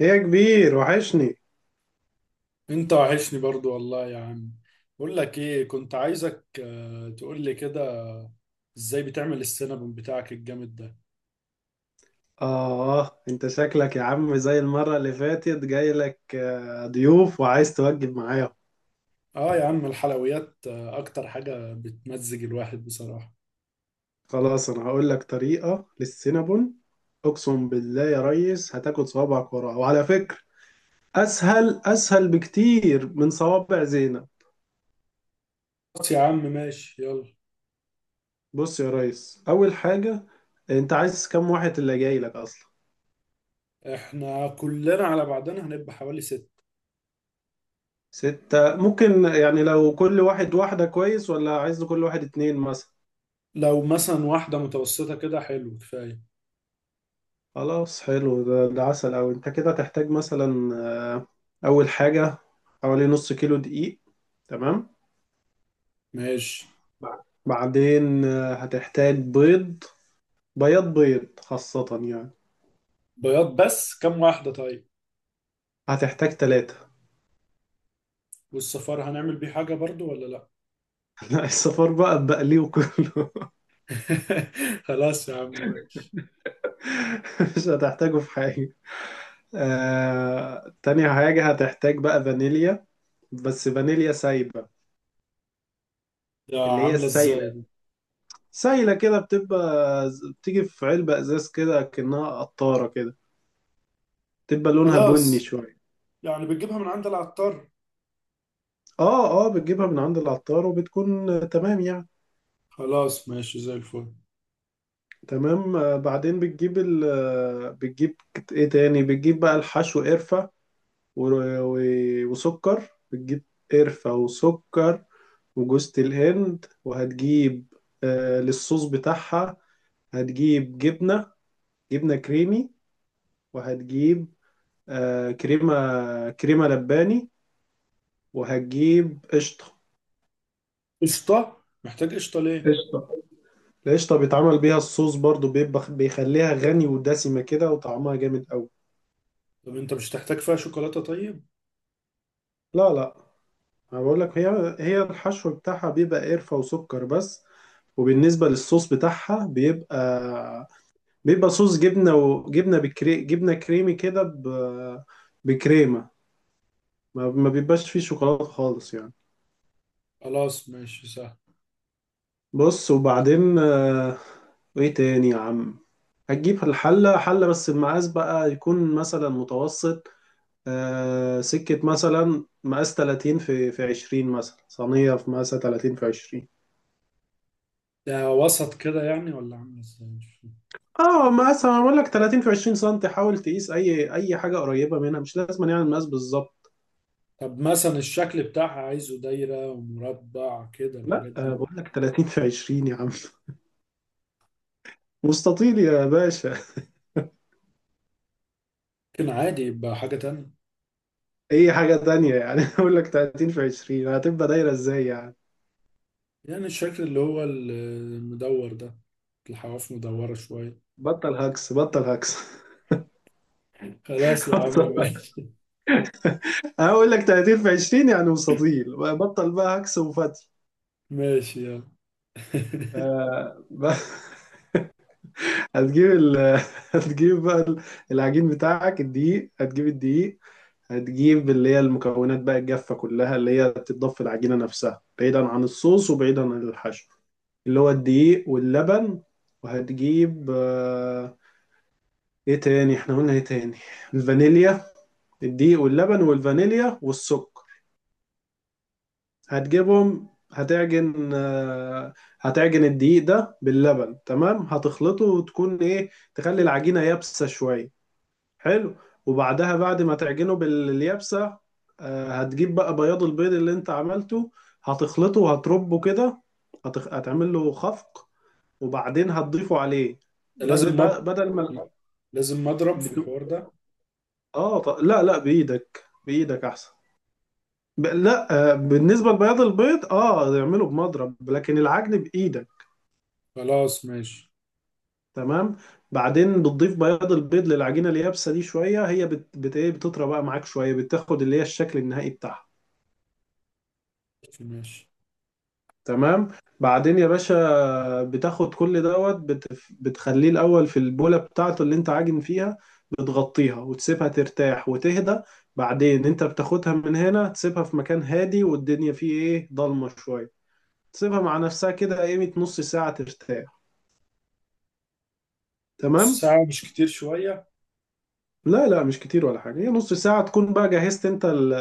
إيه يا كبير وحشني. انت وحشني برضو والله يا عم. بقول لك ايه، كنت عايزك تقول لي كده، ازاي بتعمل السينابون بتاعك الجامد ده؟ آه أنت شكلك يا عم زي المرة اللي فاتت جاي لك ضيوف وعايز توجب معايا. اه يا عم، الحلويات اكتر حاجة بتمزج الواحد بصراحة. خلاص أنا هقول لك طريقة للسينابون. أقسم بالله يا ريس هتاكل صوابعك وراها. وعلى فكرة أسهل بكتير من صوابع زينب. بس يا عم ماشي يلا. بص يا ريس، أول حاجة، أنت عايز كم واحد اللي جاي لك أصلا؟ احنا كلنا على بعضنا هنبقى حوالي ست. ستة ممكن يعني لو كل واحد واحدة كويس، ولا عايز كل واحد اتنين مثلا؟ لو مثلا واحدة متوسطة كده، حلو كفاية. خلاص حلو ده عسل أوي. أنت كده تحتاج مثلا آه، أول حاجة حوالي نص كيلو دقيق. تمام. ماشي. بعدين هتحتاج بيض، بياض بيض خاصة يعني. بياض بس، كم واحدة طيب؟ هتحتاج تلاتة. والصفار هنعمل بيه حاجة برضو ولا لا؟ لا الصفار بقى بقليه كله. خلاص يا عم ماشي. مش هتحتاجه في حاجة. تاني حاجة هتحتاج بقى فانيليا، بس فانيليا سايبة، ده اللي هي عاملة السايلة. ازاي دي؟ سايلة كده بتبقى، بتيجي في علبة ازاز كده كأنها قطارة كده، تبقى لونها بني خلاص، شوية. يعني بتجيبها من عند العطار؟ اه اه بتجيبها من عند العطار، وبتكون تمام يعني. خلاص ماشي زي الفل. تمام. بعدين بتجيب ال بتجيب ايه تاني، بتجيب بقى الحشو: قرفة وسكر. بتجيب قرفة وسكر وجوز الهند. وهتجيب آه للصوص بتاعها، هتجيب جبنة، جبنة كريمي. وهتجيب آه كريمة لباني. وهتجيب قشطة. قشطة؟ محتاج قشطة ليه؟ قشطة. القشطة بيتعمل بيها الصوص برضو، بيبقى بيخليها غني ودسمة كده، وطعمها جامد أوي. طب انت مش تحتاج فيها شوكولاتة طيب؟ لا لا، أنا بقول لك هي الحشو بتاعها بيبقى قرفة وسكر بس. وبالنسبة للصوص بتاعها بيبقى، بيبقى صوص جبنة، وجبنة بكري جبنة كريمي كده ب... بكريمة. ما بيبقاش فيه شوكولاتة خالص يعني. خلاص ماشي سهل. بص، وبعدين آه، وإيه تاني يا عم. هتجيب الحلة، حلة بس المقاس بقى يكون مثلا متوسط. آه سكة مثلا مقاس 30 في 20 مثلا، صينية في مقاسها 30 في 20. ده وسط كده يعني، ولا عامل ازاي؟ مش فاهم. اه مقاسها معمول لك 30 في 20 سم، حاول تقيس أي حاجة قريبة منها، مش لازم يعني المقاس بالظبط. طب مثلا الشكل بتاعها، عايزه دايرة ومربع كده لا الحاجات آه دي؟ بقول لك 30 في 20 يا عم. مستطيل يا باشا. ممكن عادي يبقى حاجة تانية. أي حاجة تانية يعني؟ بقول لك 30 في 20، هتبقى دايرة إزاي يعني؟ يعني الشكل اللي هو المدور ده، الحواف مدورة شوية. بطل هكس. خلاص يا عم بطل هكس. ماشي. أنا بقول لك 30 في 20 يعني مستطيل. بطل بقى هكس وفتي. ماشي يلا. آه بقى، هتجيب ال... هتجيب بقى العجين بتاعك، الدقيق، هتجيب الدقيق. هتجيب اللي هي المكونات بقى الجافة كلها اللي هي بتتضاف في العجينة نفسها، بعيدا عن الصوص وبعيدا عن الحشو، اللي هو الدقيق واللبن. وهتجيب آه، ايه تاني، احنا قلنا ايه تاني؟ الفانيليا. الدقيق واللبن والفانيليا والسكر. هتجيبهم، هتعجن هتعجن الدقيق ده باللبن، تمام، هتخلطه وتكون ايه، تخلي العجينة يابسة شوية. حلو. وبعدها بعد ما تعجنه باليابسة هتجيب بقى بياض البيض اللي انت عملته، هتخلطه وهتربه كده، هتعمل له خفق، وبعدين هتضيفه عليه. بدل، لازم مب... بدل ما لازم مضرب في الحوار بت... ده. لا لا، بايدك، بايدك احسن. لا بالنسبة لبياض البيض اه اعمله بمضرب، لكن العجن بايدك. خلاص ماشي. تمام. بعدين بتضيف بياض البيض للعجينة اليابسة دي شوية، هي بت... بت... إيه، بتطرى بقى معاك شوية، بتاخد اللي هي الشكل النهائي بتاعها. ماشي. تمام. بعدين يا باشا بتاخد كل دوت بتخليه الأول في البولة بتاعته اللي انت عاجن فيها، بتغطيها وتسيبها ترتاح وتهدى. بعدين انت بتاخدها من هنا، تسيبها في مكان هادي والدنيا فيه ايه، ضلمة شوية، تسيبها مع نفسها كده قيمة نص ساعة ترتاح. نص تمام. ساعة مش كتير شوية؟ لا لا مش كتير ولا حاجة، هي نص ساعة تكون بقى جهزت انت ال...،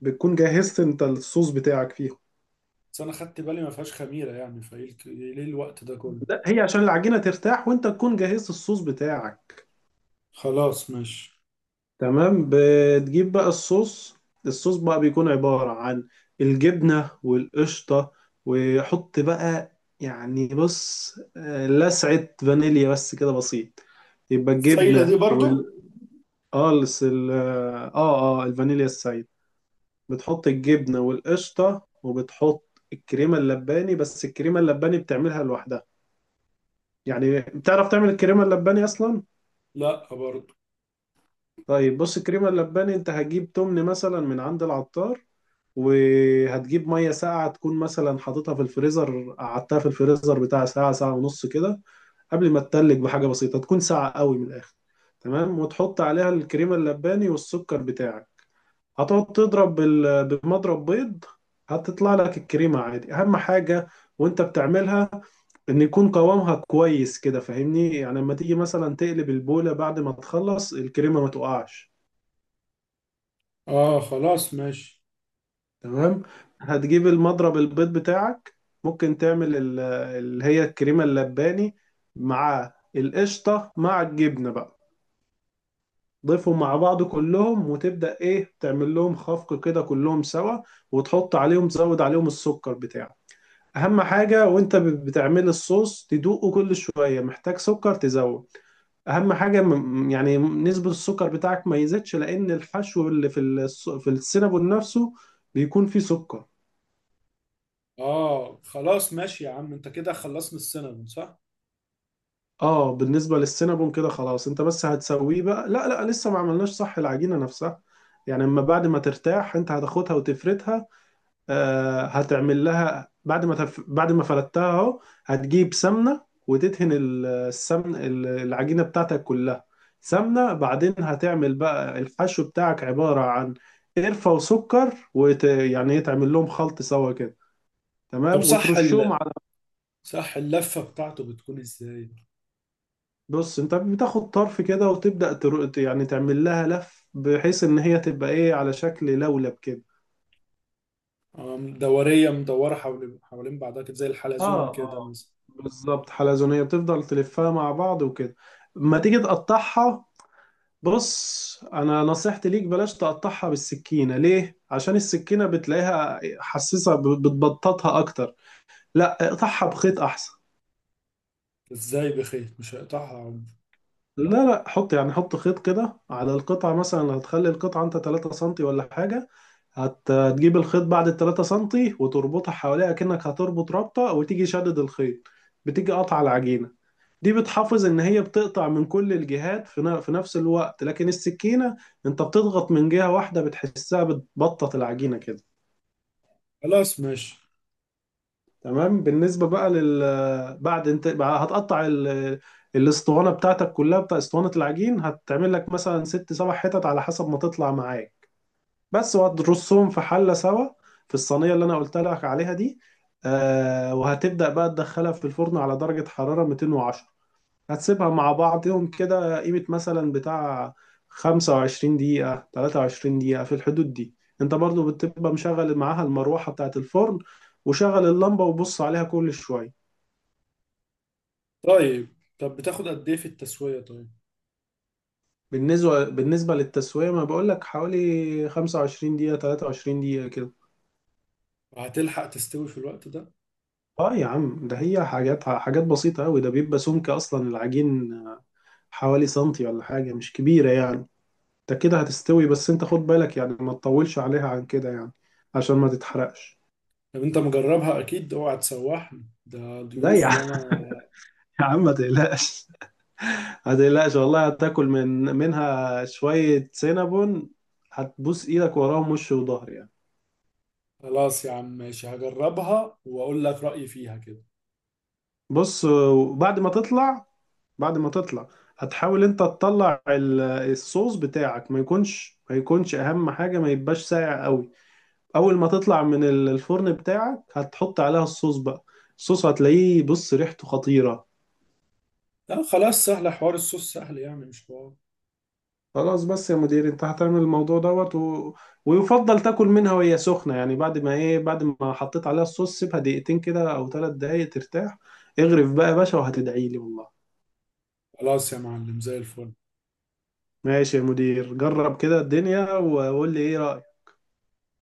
بتكون جهزت انت الصوص بتاعك فيها. بس أنا خدت بالي ما فيهاش خميرة يعني، فإيه إيه ليه الوقت ده كله؟ لا هي عشان العجينة ترتاح، وانت تكون جهزت الصوص بتاعك. خلاص ماشي. تمام. بتجيب بقى الصوص، الصوص بقى بيكون عبارة عن الجبنة والقشطة. وحط بقى، يعني بص لسعة فانيليا بس كده بسيط. يبقى السايلة دي الجبنة برضو؟ وال الفانيليا السايد. بتحط الجبنة والقشطة، وبتحط الكريمة اللباني، بس الكريمة اللباني بتعملها لوحدها. يعني بتعرف تعمل الكريمة اللباني أصلا؟ لا برضو. طيب بص، الكريمة اللباني أنت هتجيب تمن مثلا من عند العطار. وهتجيب ميه ساقعه تكون مثلا حاططها في الفريزر، قعدتها في الفريزر بتاع ساعه، ساعه ونص كده، قبل ما تتلج بحاجه بسيطه، تكون ساقعه قوي من الاخر. تمام. وتحط عليها الكريمه اللباني والسكر بتاعك، هتقعد تضرب بمضرب بيض. هتطلع لك الكريمه عادي. اهم حاجه وانت بتعملها ان يكون قوامها كويس كده، فاهمني يعني لما تيجي مثلا تقلب البوله بعد ما تخلص الكريمه ما تقعش. آه خلاص ماشي. تمام. هتجيب المضرب البيض بتاعك، ممكن تعمل اللي هي الكريمة اللباني مع القشطة مع الجبنة بقى، ضيفهم مع بعض كلهم وتبدأ ايه، تعمل لهم خفق كده كلهم سوا، وتحط عليهم تزود عليهم السكر بتاعك. اهم حاجة وانت بتعمل الصوص تدوقه كل شوية، محتاج سكر تزود. اهم حاجة يعني نسبة السكر بتاعك ما يزيدش، لان الحشو اللي في في السينابون نفسه بيكون فيه سكر. آه خلاص ماشي يا عم، أنت كده خلصنا السينما صح؟ اه بالنسبة للسينابون كده خلاص، انت بس هتسويه بقى. لا لا لسه ما عملناش صح، العجينة نفسها يعني، اما بعد ما ترتاح انت هتاخدها وتفردها. آه هتعمل لها بعد ما بعد ما فردتها اهو، هتجيب سمنة وتدهن السمن العجينة بتاعتك كلها سمنة. بعدين هتعمل بقى الحشو بتاعك عبارة عن قرفة وسكر، يعني ايه، تعمل لهم خلط سوا كده، طب تمام، صح وترشهم. ال... صح اللفة بتاعته بتكون إزاي؟ بص انت بتاخد طرف كده وتبدأ يعني تعمل لها لف بحيث ان هي تبقى ايه على شكل لولب كده. آه، دورية مدورة حوالين حوالين بعضها كده، زي اه الحلزون كده اه مثلا. بالظبط، حلزونية، بتفضل تلفها مع بعض وكده. ما تيجي تقطعها، بص انا نصيحتي ليك بلاش تقطعها بالسكينة، ليه؟ عشان السكينة بتلاقيها حساسة بتبططها اكتر. لا اقطعها بخيط احسن. إزاي بخيط؟ مش هيقطعها عمر. لا لا، حط يعني حط خيط كده على القطعة، مثلا هتخلي القطعة انت 3 سنتي ولا حاجة، هتجيب الخيط بعد ال 3 سنتي وتربطها حواليها كأنك هتربط رابطة، وتيجي شدد الخيط، بتيجي قطع العجينة. دي بتحافظ ان هي بتقطع من كل الجهات في في نفس الوقت، لكن السكينة انت بتضغط من جهة واحدة، بتحسها بتبطط العجينة كده. خلاص ماشي. تمام. بالنسبة بقى لل بعد، انت بقى هتقطع ال... الاسطوانة بتاعتك كلها بتاع اسطوانة العجين، هتعمل لك مثلا ست سبع حتت على حسب ما تطلع معاك بس، وهترصهم في حلة سوا، في الصينية اللي انا قلت لك عليها دي. آه وهتبدأ بقى تدخلها في الفرن على درجة حرارة 210، هتسيبها مع بعضهم كده قيمة مثلا بتاع 25 دقيقة 23 دقيقة في الحدود دي. انت برضو بتبقى مشغل معاها المروحة بتاعة الفرن، وشغل اللمبة وبص عليها كل شوية. طيب. طب بتاخد قد إيه في التسوية طيب؟ بالنسبة للتسوية ما بقولك حوالي 25 دقيقة 23 دقيقة كده. وهتلحق تستوي في الوقت ده؟ اه يا عم ده هي حاجات بسيطة أوي، ده بيبقى سمك أصلا العجين حوالي سنتي ولا حاجة، مش كبيرة يعني. ده كده هتستوي، بس انت خد بالك يعني ما تطولش عليها عن كده يعني، عشان ما تتحرقش. طب انت مجربها اكيد؟ اوعى تسوحني، ده لا يا ضيوف عم، وانا. يا عم ما تقلقش، ما تقلقش والله هتاكل من منها شوية سينابون، هتبوس ايدك وراهم وش وظهر يعني. خلاص يا عم ماشي، هجربها واقول لك رأيي فيها كده. بص بعد ما تطلع، بعد ما تطلع، هتحاول انت تطلع الصوص بتاعك ما يكونش، ما يكونش اهم حاجة ما يبقاش ساقع قوي. اول ما تطلع من الفرن بتاعك هتحط عليها الصوص بقى. الصوص هتلاقيه بص ريحته خطيرة. لا خلاص، سهلة، حوار الصوص سهل يعني مش حوار. خلاص بس يا مدير انت هتعمل الموضوع دوت و... ويفضل تاكل منها وهي سخنة يعني، بعد ما ايه، بعد ما حطيت عليها الصوص سيبها دقيقتين كده او 3 دقايق ترتاح، اغرف بقى يا باشا وهتدعي لي والله. خلاص يا معلم زي الفل. ماشي يا مدير، جرب كده الدنيا وقول لي ايه رأيك.